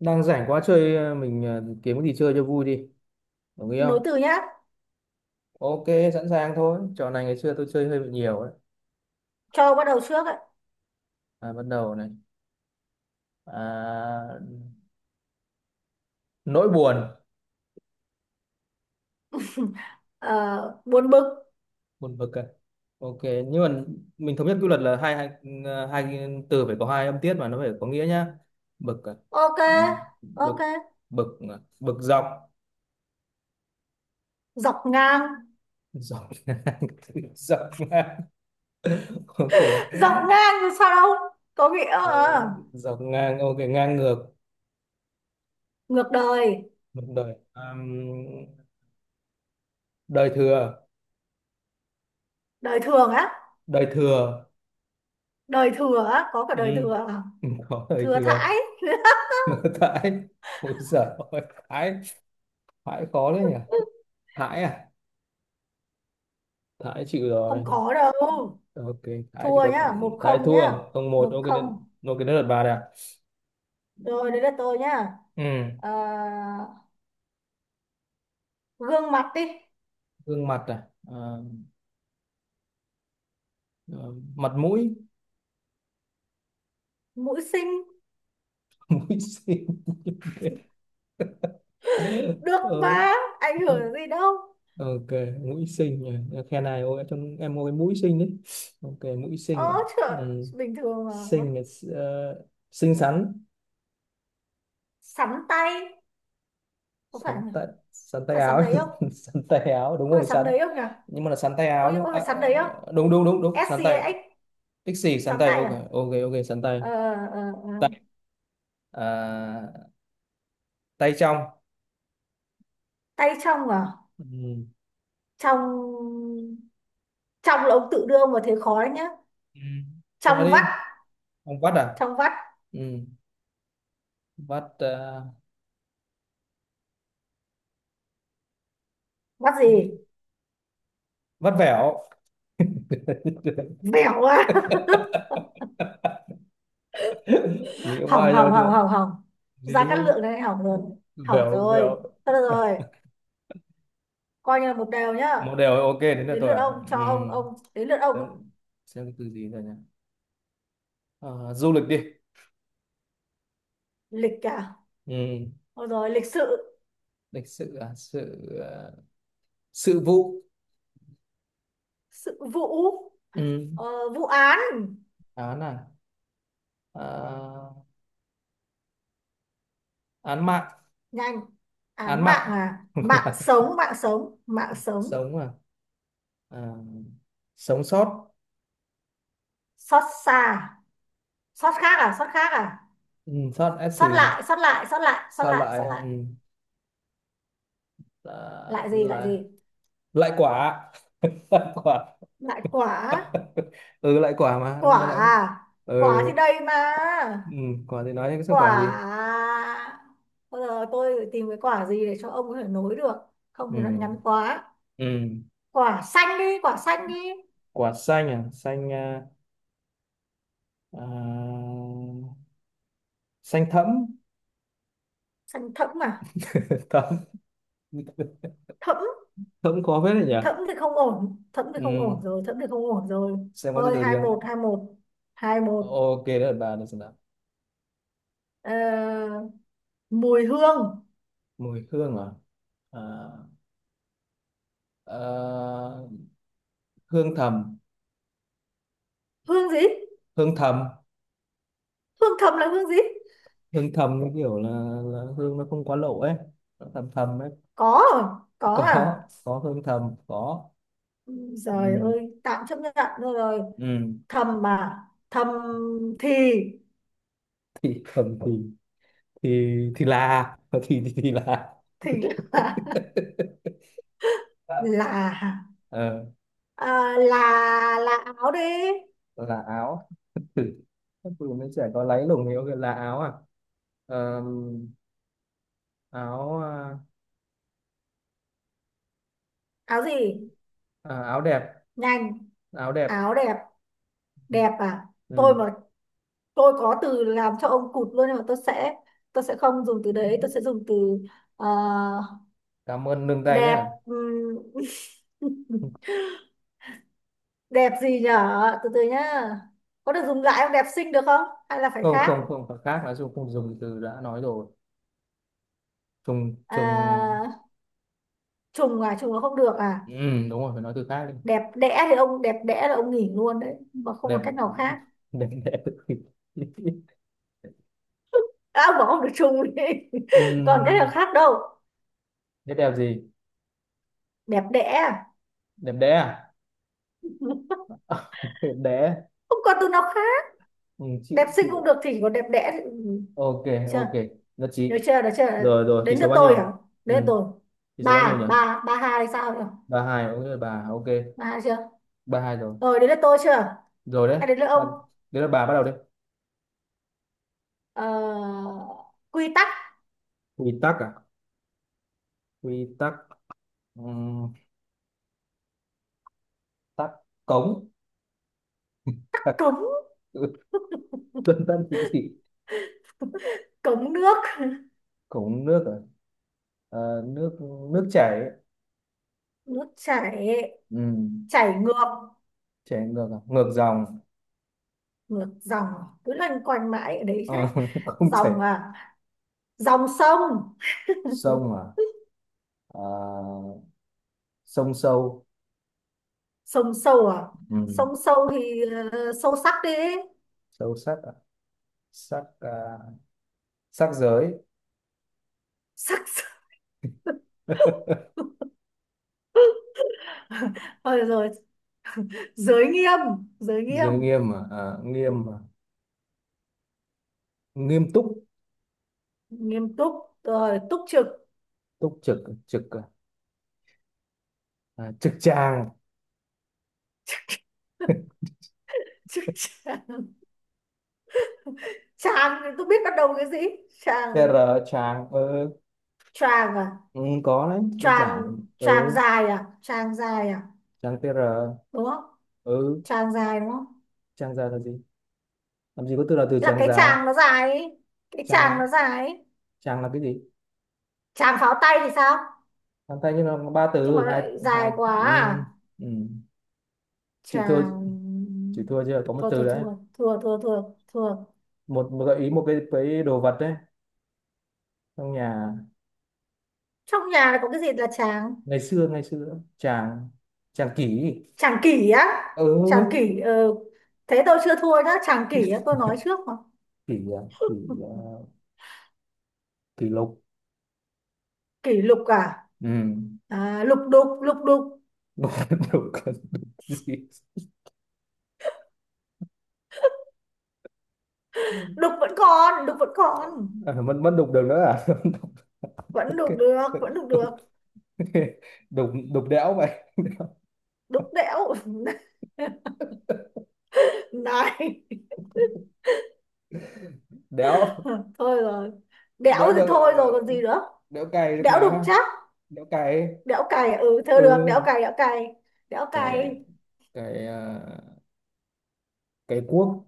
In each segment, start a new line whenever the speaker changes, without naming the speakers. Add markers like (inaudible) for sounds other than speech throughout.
Đang rảnh quá chơi, mình, kiếm cái gì chơi cho vui đi. Đồng ý
Nối
không?
từ nhá.
Ok. Sẵn sàng thôi, trò này ngày xưa tôi chơi hơi bị nhiều đấy.
Cho bắt đầu trước ạ.
À, bắt đầu này. À, nỗi buồn.
(laughs) Ờ, Buồn bực.
Buồn bực à. Ok, nhưng mà mình thống nhất quy luật là hai hai, hai cái từ phải có hai âm tiết mà nó phải có nghĩa nhá. Bực à.
Ok,
Ừ,
ok,
bực. Bực à. Bực dọc.
dọc ngang.
Dọc. (laughs) Dọc ngang. Ok.
(laughs) Dọc ngang thì sao đâu, có nghĩa
Ờ,
ờ,
dọc ngang, ok, ngang ngược.
Ngược đời.
Bực đời. Đời thừa.
Đời thường á?
Đời thừa.
Đời thừa á, có cả đời
Ừ,
thừa.
có đời
Thừa
thừa.
thãi. (laughs)
(laughs) Thái. Ôi giời ơi, thái. Thái khó đấy nhỉ. Thái à. Thái chịu
Không
rồi.
có đâu.
Ok, thái chỉ
Thua
có.
nhá, một
Thái
không
thua
nhá.
không một.
Một
Ok,
không,
đến, ok, đến lượt bà đây à.
rồi đấy là tôi nhá.
Ừ.
Ờ, Gương mặt đi.
Gương mặt, à, à, ờ, mặt mũi.
Mũi xinh,
(laughs) Mũi xinh.
được
Ờ,
mà, ảnh
ờ,
hưởng gì đâu.
ok, mũi xinh nhỉ, khen này, ôi trong em có cái mũi xinh đấy. Ok, mũi xinh
Ơ,
này.
trời,
Ừ.
bình thường mà.
Xinh này. Ờ, xinh xắn.
Sắn tay, có phải
Sắn
không?
tay. Sắn tay
Phải sóng
áo.
đấy không?
(laughs) Sắn tay áo, đúng
Có phải
rồi,
sóng
sắn.
đấy không nhỉ?
Nhưng mà là sắn tay
Ôi,
áo nhá.
nhưng mà
À,
phải sóng
à,
đấy không?
đúng đúng đúng đúng,
Ét
sắn
xê
tay.
hay X?
Pixie, sắn
Sóng
tay,
tay
ok
à?
ok ok, sắn tay.
ờ, ờ, ờ.
Tay, à, tay trong.
Tay trong à?
Ừ.
Trong trong là ông tự đưa ông vào thế khó đấy nhá.
Ừ. Nói
Trong vắt,
đi. Ông vắt à.
trong vắt.
Ừ. Vắt, à,
Vắt gì?
vắt vẻo. (laughs)
Bẻo quá. (laughs)
Nghĩ
Hỏng,
hoài ra
hỏng, hỏng,
chưa.
hỏng, hỏng, ra
Lý.
cát lượng này hỏng rồi, hỏng
Vẻo
rồi.
vẻo.
Thôi được rồi, coi như là một đều nhá.
Một đều, ok, đến là
Đến
tôi
lượt
à.
ông, cho
Ừ.
ông đến lượt ông.
Xem. Xem cái từ gì rồi nhỉ. À, du lịch đi.
Lịch cả,
Ừ.
rồi lịch sự.
Lịch sự à, sự à, sự vụ.
Sự vụ.
Ừ.
Vụ án.
Án à, à, án mạng.
Nhanh.
Án
Án mạng
mạng.
à? Mạng
(laughs)
sống, mạng sống, mạng sống.
Sống à, à, sống sót.
Xót xa. Xót khác à? Xót khác à?
Ừ, sót s
Xót
gì.
lại, xót lại, xót lại, xót
Sao
lại, xót
lại,
lại. Lại gì? Lại
là
gì?
lại quả. (laughs) Lại quả.
Lại quả.
(laughs) Ừ, lại quả mà đúng
Quả
rồi, lại.
à? Quả
Ừ.
thì đây mà.
Ừ. Quả thì nói cái sao
Quả
quả gì.
à? Bây giờ tôi phải tìm cái quả gì để cho ông có thể nối được, không thì nó lại
Ừ,
ngắn quá.
ừ.
Quả xanh đi, quả xanh đi.
Quả xanh à, xanh à, à, xanh thẫm.
Xanh thẫm à?
(laughs) Thẫm.
Thẫm.
Thẫm khó phết đấy nhỉ.
Thẫm thì không ổn, thẫm thì không
Ừ,
ổn rồi, thẫm thì không ổn rồi.
xem có gì
Thôi,
từ
hai
riêng.
một, hai một, hai một.
Ok đấy là bà được, xem nào.
Ờ, Mùi hương.
Mùi hương, à, à, à, hương thầm.
Hương gì?
Hương thầm.
Hương thầm là hương gì?
Hương thầm như kiểu là hương nó không quá lộ ấy. Nó thầm thầm ấy.
Có rồi, có
Có.
à?
Có hương thầm có.
Trời
Ừ,
ơi, tạm chấp nhận thôi rồi.
ừ.
Thầm mà, thầm. thì
Thì thầm thì. Thì là thì là.
thì (laughs) là là.
(laughs) Ờ,
À, là áo đi.
là áo. Ừ. Các cụ mấy trẻ có láy lùng thì ok. Là áo à. Ờ, áo à,
Áo gì?
à, áo đẹp.
Nhanh.
Áo đẹp.
Áo đẹp. Đẹp à? Tôi
Ừ.
mà, tôi có từ làm cho ông cụt luôn, nhưng mà tôi sẽ không dùng từ đấy, tôi sẽ dùng từ ờ,
Cảm ơn nâng tay
Đẹp.
nhá.
ừm, (laughs) Đẹp gì nhở? Từ từ nhá. Có được dùng lại không? Đẹp xinh được không, hay là phải
Không
khác?
không không, phải khác, nói chung không dùng từ đã nói rồi. Trùng trùng.
À, trùng à? Trùng là không được à?
Ừ, đúng rồi, phải nói từ khác đi.
Đẹp đẽ thì ông, đẹp đẽ là ông nghỉ luôn đấy mà, không
Đẹp.
còn cách nào khác.
Đẹp đẽ. (laughs)
À, ông bảo ông được trùng đi. (laughs) Còn cách
Ừ.
nào khác đâu.
Thế đẹp gì.
Đẹp đẽ à?
Đẹp đẽ à.
(laughs)
(laughs) Đẹp đẽ.
Không còn từ nào khác.
Ừ, chịu
Đẹp xinh cũng
chịu.
được thì còn đẹp đẽ thì-
Ok.
chưa.
Ok, nhất trí.
Được chưa? Được chưa?
Rồi rồi, tỷ
Đến
số
lượt
bao
tôi hả?
nhiêu.
Đến lượt
Ừ.
tôi.
Tỷ số bao nhiêu nhỉ.
Ba ba, ba hai, sao nhỉ?
Ba hai, ok, bà ok.
Ba hai chưa
Ba hai rồi.
rồi? Đến lượt tôi chưa,
Rồi đấy.
hay đến lượt ông?
Bạn-. Đấy là bà bắt đầu đi.
ờ, Quy tắc.
Quy tắc à. Quy tắc. Ừ. Tắc. Cống. À,
Cống.
ừ, dân dân thì gì.
Cống nước.
Cống nước à? Ờ, nước. Nước chảy.
Nước chảy.
Ừ,
Chảy ngược.
chảy ngược à? Ngược dòng.
Ngược dòng, cứ loanh quanh mãi ở đấy chết.
Ờ, (laughs) không chảy.
Dòng à? Dòng sông. (laughs)
Sông à. Ờ, sông sâu.
Sông sâu à? Sông
Ừ,
sâu thì. Sâu sắc đi.
sâu sắc à? Sắc à, sắc giới.
Sắc.
(laughs)
(laughs) Rồi, rồi, giới nghiêm, giới nghiêm.
Giới nghiêm à? Ờ, nghiêm à? Nghiêm túc.
Nghiêm túc. Rồi túc trực.
Túc trực. Trực à? À, trực tràng.
(laughs) Tràng. Tràng thì (laughs) tôi biết bắt đầu cái gì? Tràng,
TR. Tràng, ừ,
Tràng à,
ừ, có đấy, đơn
Tràng.
giản.
Tràng
Ừ,
dài à? Tràng dài à?
tràng TR.
Đúng không?
Ừ,
Tràng dài đúng không?
tràng ra là gì. Làm gì có từ là từ
Là
tràng
cái
già.
tràng nó dài ấy. Cái
Tràng
tràng
là.
nó dài ấy.
Tràng là cái gì.
Tràng pháo tay thì sao?
Tràng thanh nhưng mà có ba
Nhưng mà
từ. Hai
lại dài
hai.
quá
Ừ,
à?
ừ. Chịu thua.
Tràng.
Chịu thua, chưa có một
Thôi
từ
thôi,
đấy.
thua, thua, thua, thua, thua.
Một, một gợi ý. Một cái đồ vật đấy, trong nhà.
Trong nhà này có cái gì là tràng?
Ngày xưa, ngày xưa chàng. Chàng kỷ.
Tràng kỷ á. Tràng
Ừ.
kỷ ờ Thế tôi chưa thua nhá, tràng kỷ á, tôi nói trước mà.
Kỷ à, kỷ à, kỷ lục.
Kỷ lục à?
Ừ.
À, lục đục, lục đục.
(laughs) Đục. Đục cái gì.
Đục vẫn còn, đục vẫn còn.
À, mất mất đục đường nữa à. (laughs)
Vẫn
Ok.
đục được, vẫn đục được.
Ok. Đục, đục đẽo vậy.
Đục đẽo. (laughs) Này,
Đẽo.
thôi rồi. Đẽo
Đẽo
thì
được,
thôi rồi, còn
ờ,
gì nữa.
đẽo cày được
Đẽo đục
mà.
chắc.
Đĩa cày.
Đẽo cày à? Ừ, thôi
Ừ.
được, đẽo cày, đẽo cày, đẽo
cái
cày.
cái à, cái cuốc.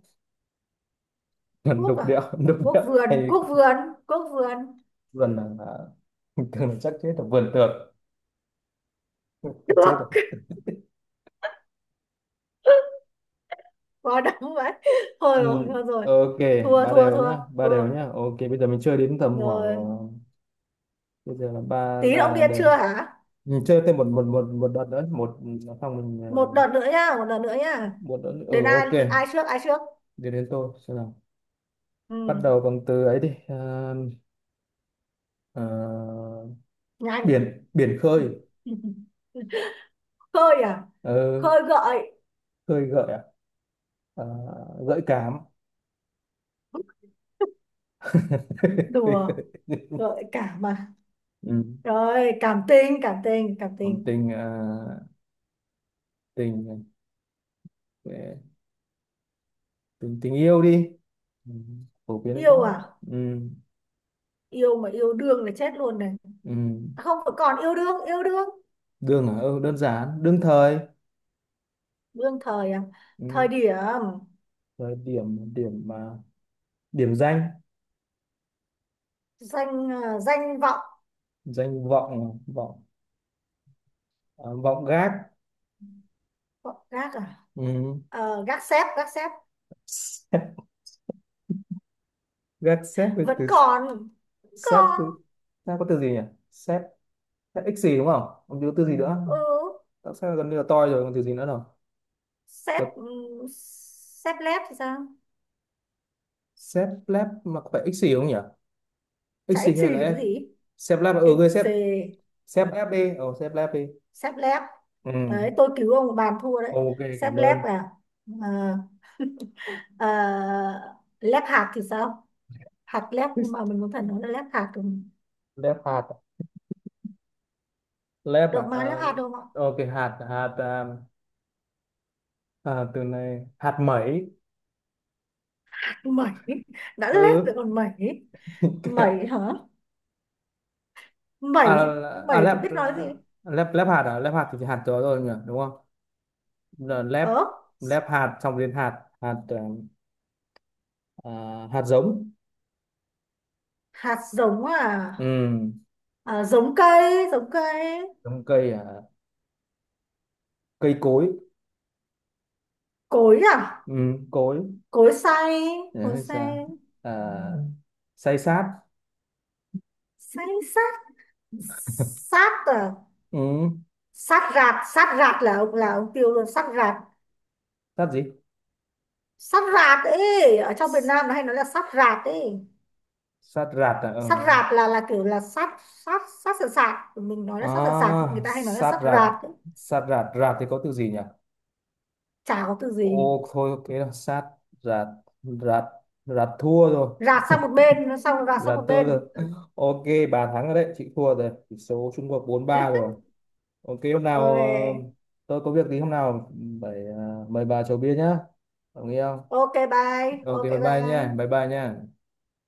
Vườn
Cuốc
đục
à?
địa. (laughs) Đục địa.
Cuốc vườn,
Hay.
cuốc vườn, cuốc vườn
Vườn là, (laughs) thường là chắc chết rồi, vườn tược. (laughs) Chết rồi.
được. Quá đáng vậy. (laughs) Thôi
Ừ,
rồi, thôi rồi.
ok.
Thua,
Ba
thua,
đều
thua,
nhá, ba đều
thua
nhá, ok. Bây giờ mình chơi đến tầm khoảng, ờ,
rồi.
bây giờ là ba
Tí
ba
động
là
viên chưa
đều.
hả?
Mình chơi thêm một một một một đợt nữa. Một, xong mình,
Một đợt nữa nhá, một đợt nữa nhá.
một đợt nữa.
Đến
Ừ,
ai,
ok.
ai trước, ai trước?
Đến, đến tôi xem nào. Bắt
Ừ,
đầu bằng từ ấy đi. Ờ, ờ,
nhanh.
biển. Biển khơi.
(laughs) Hơi à?
Ờ,
Khơi gợi.
khơi gợi. Ờ, gợi cảm.
Đùa,
(laughs)
gợi cảm mà.
Ừ.
Rồi cảm tình, cảm tình, cảm
Còn
tình.
tình, ờ, tình, ờ, tình, tình yêu đi. Ừ, phổ biến quá.
Yêu à?
Ừ,
Yêu mà, yêu đương là chết luôn này.
ừ.
À, không, còn yêu đương, yêu đương.
Đường à? Ừ, đơn giản, đương thời.
Đương thời à? Thời
Ừ.
điểm.
Rồi điểm, điểm à, điểm danh.
Danh à, danh vọng.
Danh vọng. Vọng, à, vọng gác.
Gác à?
Ừ.
Gác xép, gác xép.
Sếp. Gác xếp với
Vẫn
từ.
còn, vẫn
Xếp,
còn.
từ ta có từ gì nhỉ. Xếp. Xếp ích gì, đúng không. Không có từ gì nữa.
Ừ,
Tại sao gần như là toi rồi, còn từ gì nữa đâu.
xép, ừ, xép lép thì sao?
Sếp lab mà có phải xì không nhỉ.
Chả
Xì
ích gì
hay là
thì cái
S.
gì?
Sếp lab ừ,
Ích
ghê sếp.
gì.
Sếp lab đi, ừ sếp lab đi.
Xép lép,
Ừ,
đấy tôi cứu ông bàn thua đấy.
ok,
Xép
cảm
lép
ơn.
à? Ờ, Ờ, Lép hạt thì sao? Hạt lép, nhưng mà mình muốn phải nói là lép hạt được,
Lab hạt. Lab à.
được mà, lép
Ờ,
hạt được không ạ?
ok, hạt hạt à, à, từ này hạt mẩy.
À, mẩy, đã lép rồi
Ừ,
còn mẩy.
ok.
Mẩy hả? Mẩy
À,
thì-
à,
mẩy thì
lab.
biết nói gì.
Lab, lab hạt à, lab hạt thì chỉ hạt đó rồi nhỉ, đúng không. Là lab.
Ớ,
Lab hạt xong đến hạt, hạt, ờ, à, hạt giống.
hạt giống à,
Ừ.
giống cây, giống cây.
Giống cây à. Cây cối.
Cối à?
Ừ, cối.
Cối xay,
Nhớ
cối
hay
xay.
sao? À, Ừ. Say sát.
Xay sát. Sát à?
Ừ,
Sát rạt, sát rạt là ông, là ông tiêu luôn, sát rạt.
sát gì?
Sát rạt ấy, ở trong Việt Nam nó hay nói là sát rạt ấy.
Sát rạt à? Ừ.
Sát rạt là kiểu là sát, sát, sát sạt, sạt, mình nói là sát sạt sạt, người
À,
ta hay nói là
sát
sát
rạt.
rạt ấy.
Sát rạt. Rạt thì có từ gì nhỉ?
Chả có từ gì.
Ô, thôi, cái đó sát rạt. Rạt. Rạt thua rồi.
Rạt sang một bên nó, xong rạt sang
Rạt
một
thua
bên.
rồi. (laughs) Ok, bà thắng rồi đấy. Chị thua rồi. Tỷ số Trung Quốc bốn ba
(laughs)
rồi. Ok, hôm nào,
Ok,
tôi có việc thì hôm nào phải, mời bà chầu bia nhá. Đồng ý không?
ok bye,
Ok,
ok
bye bye nha.
bye.
Bye bye nha.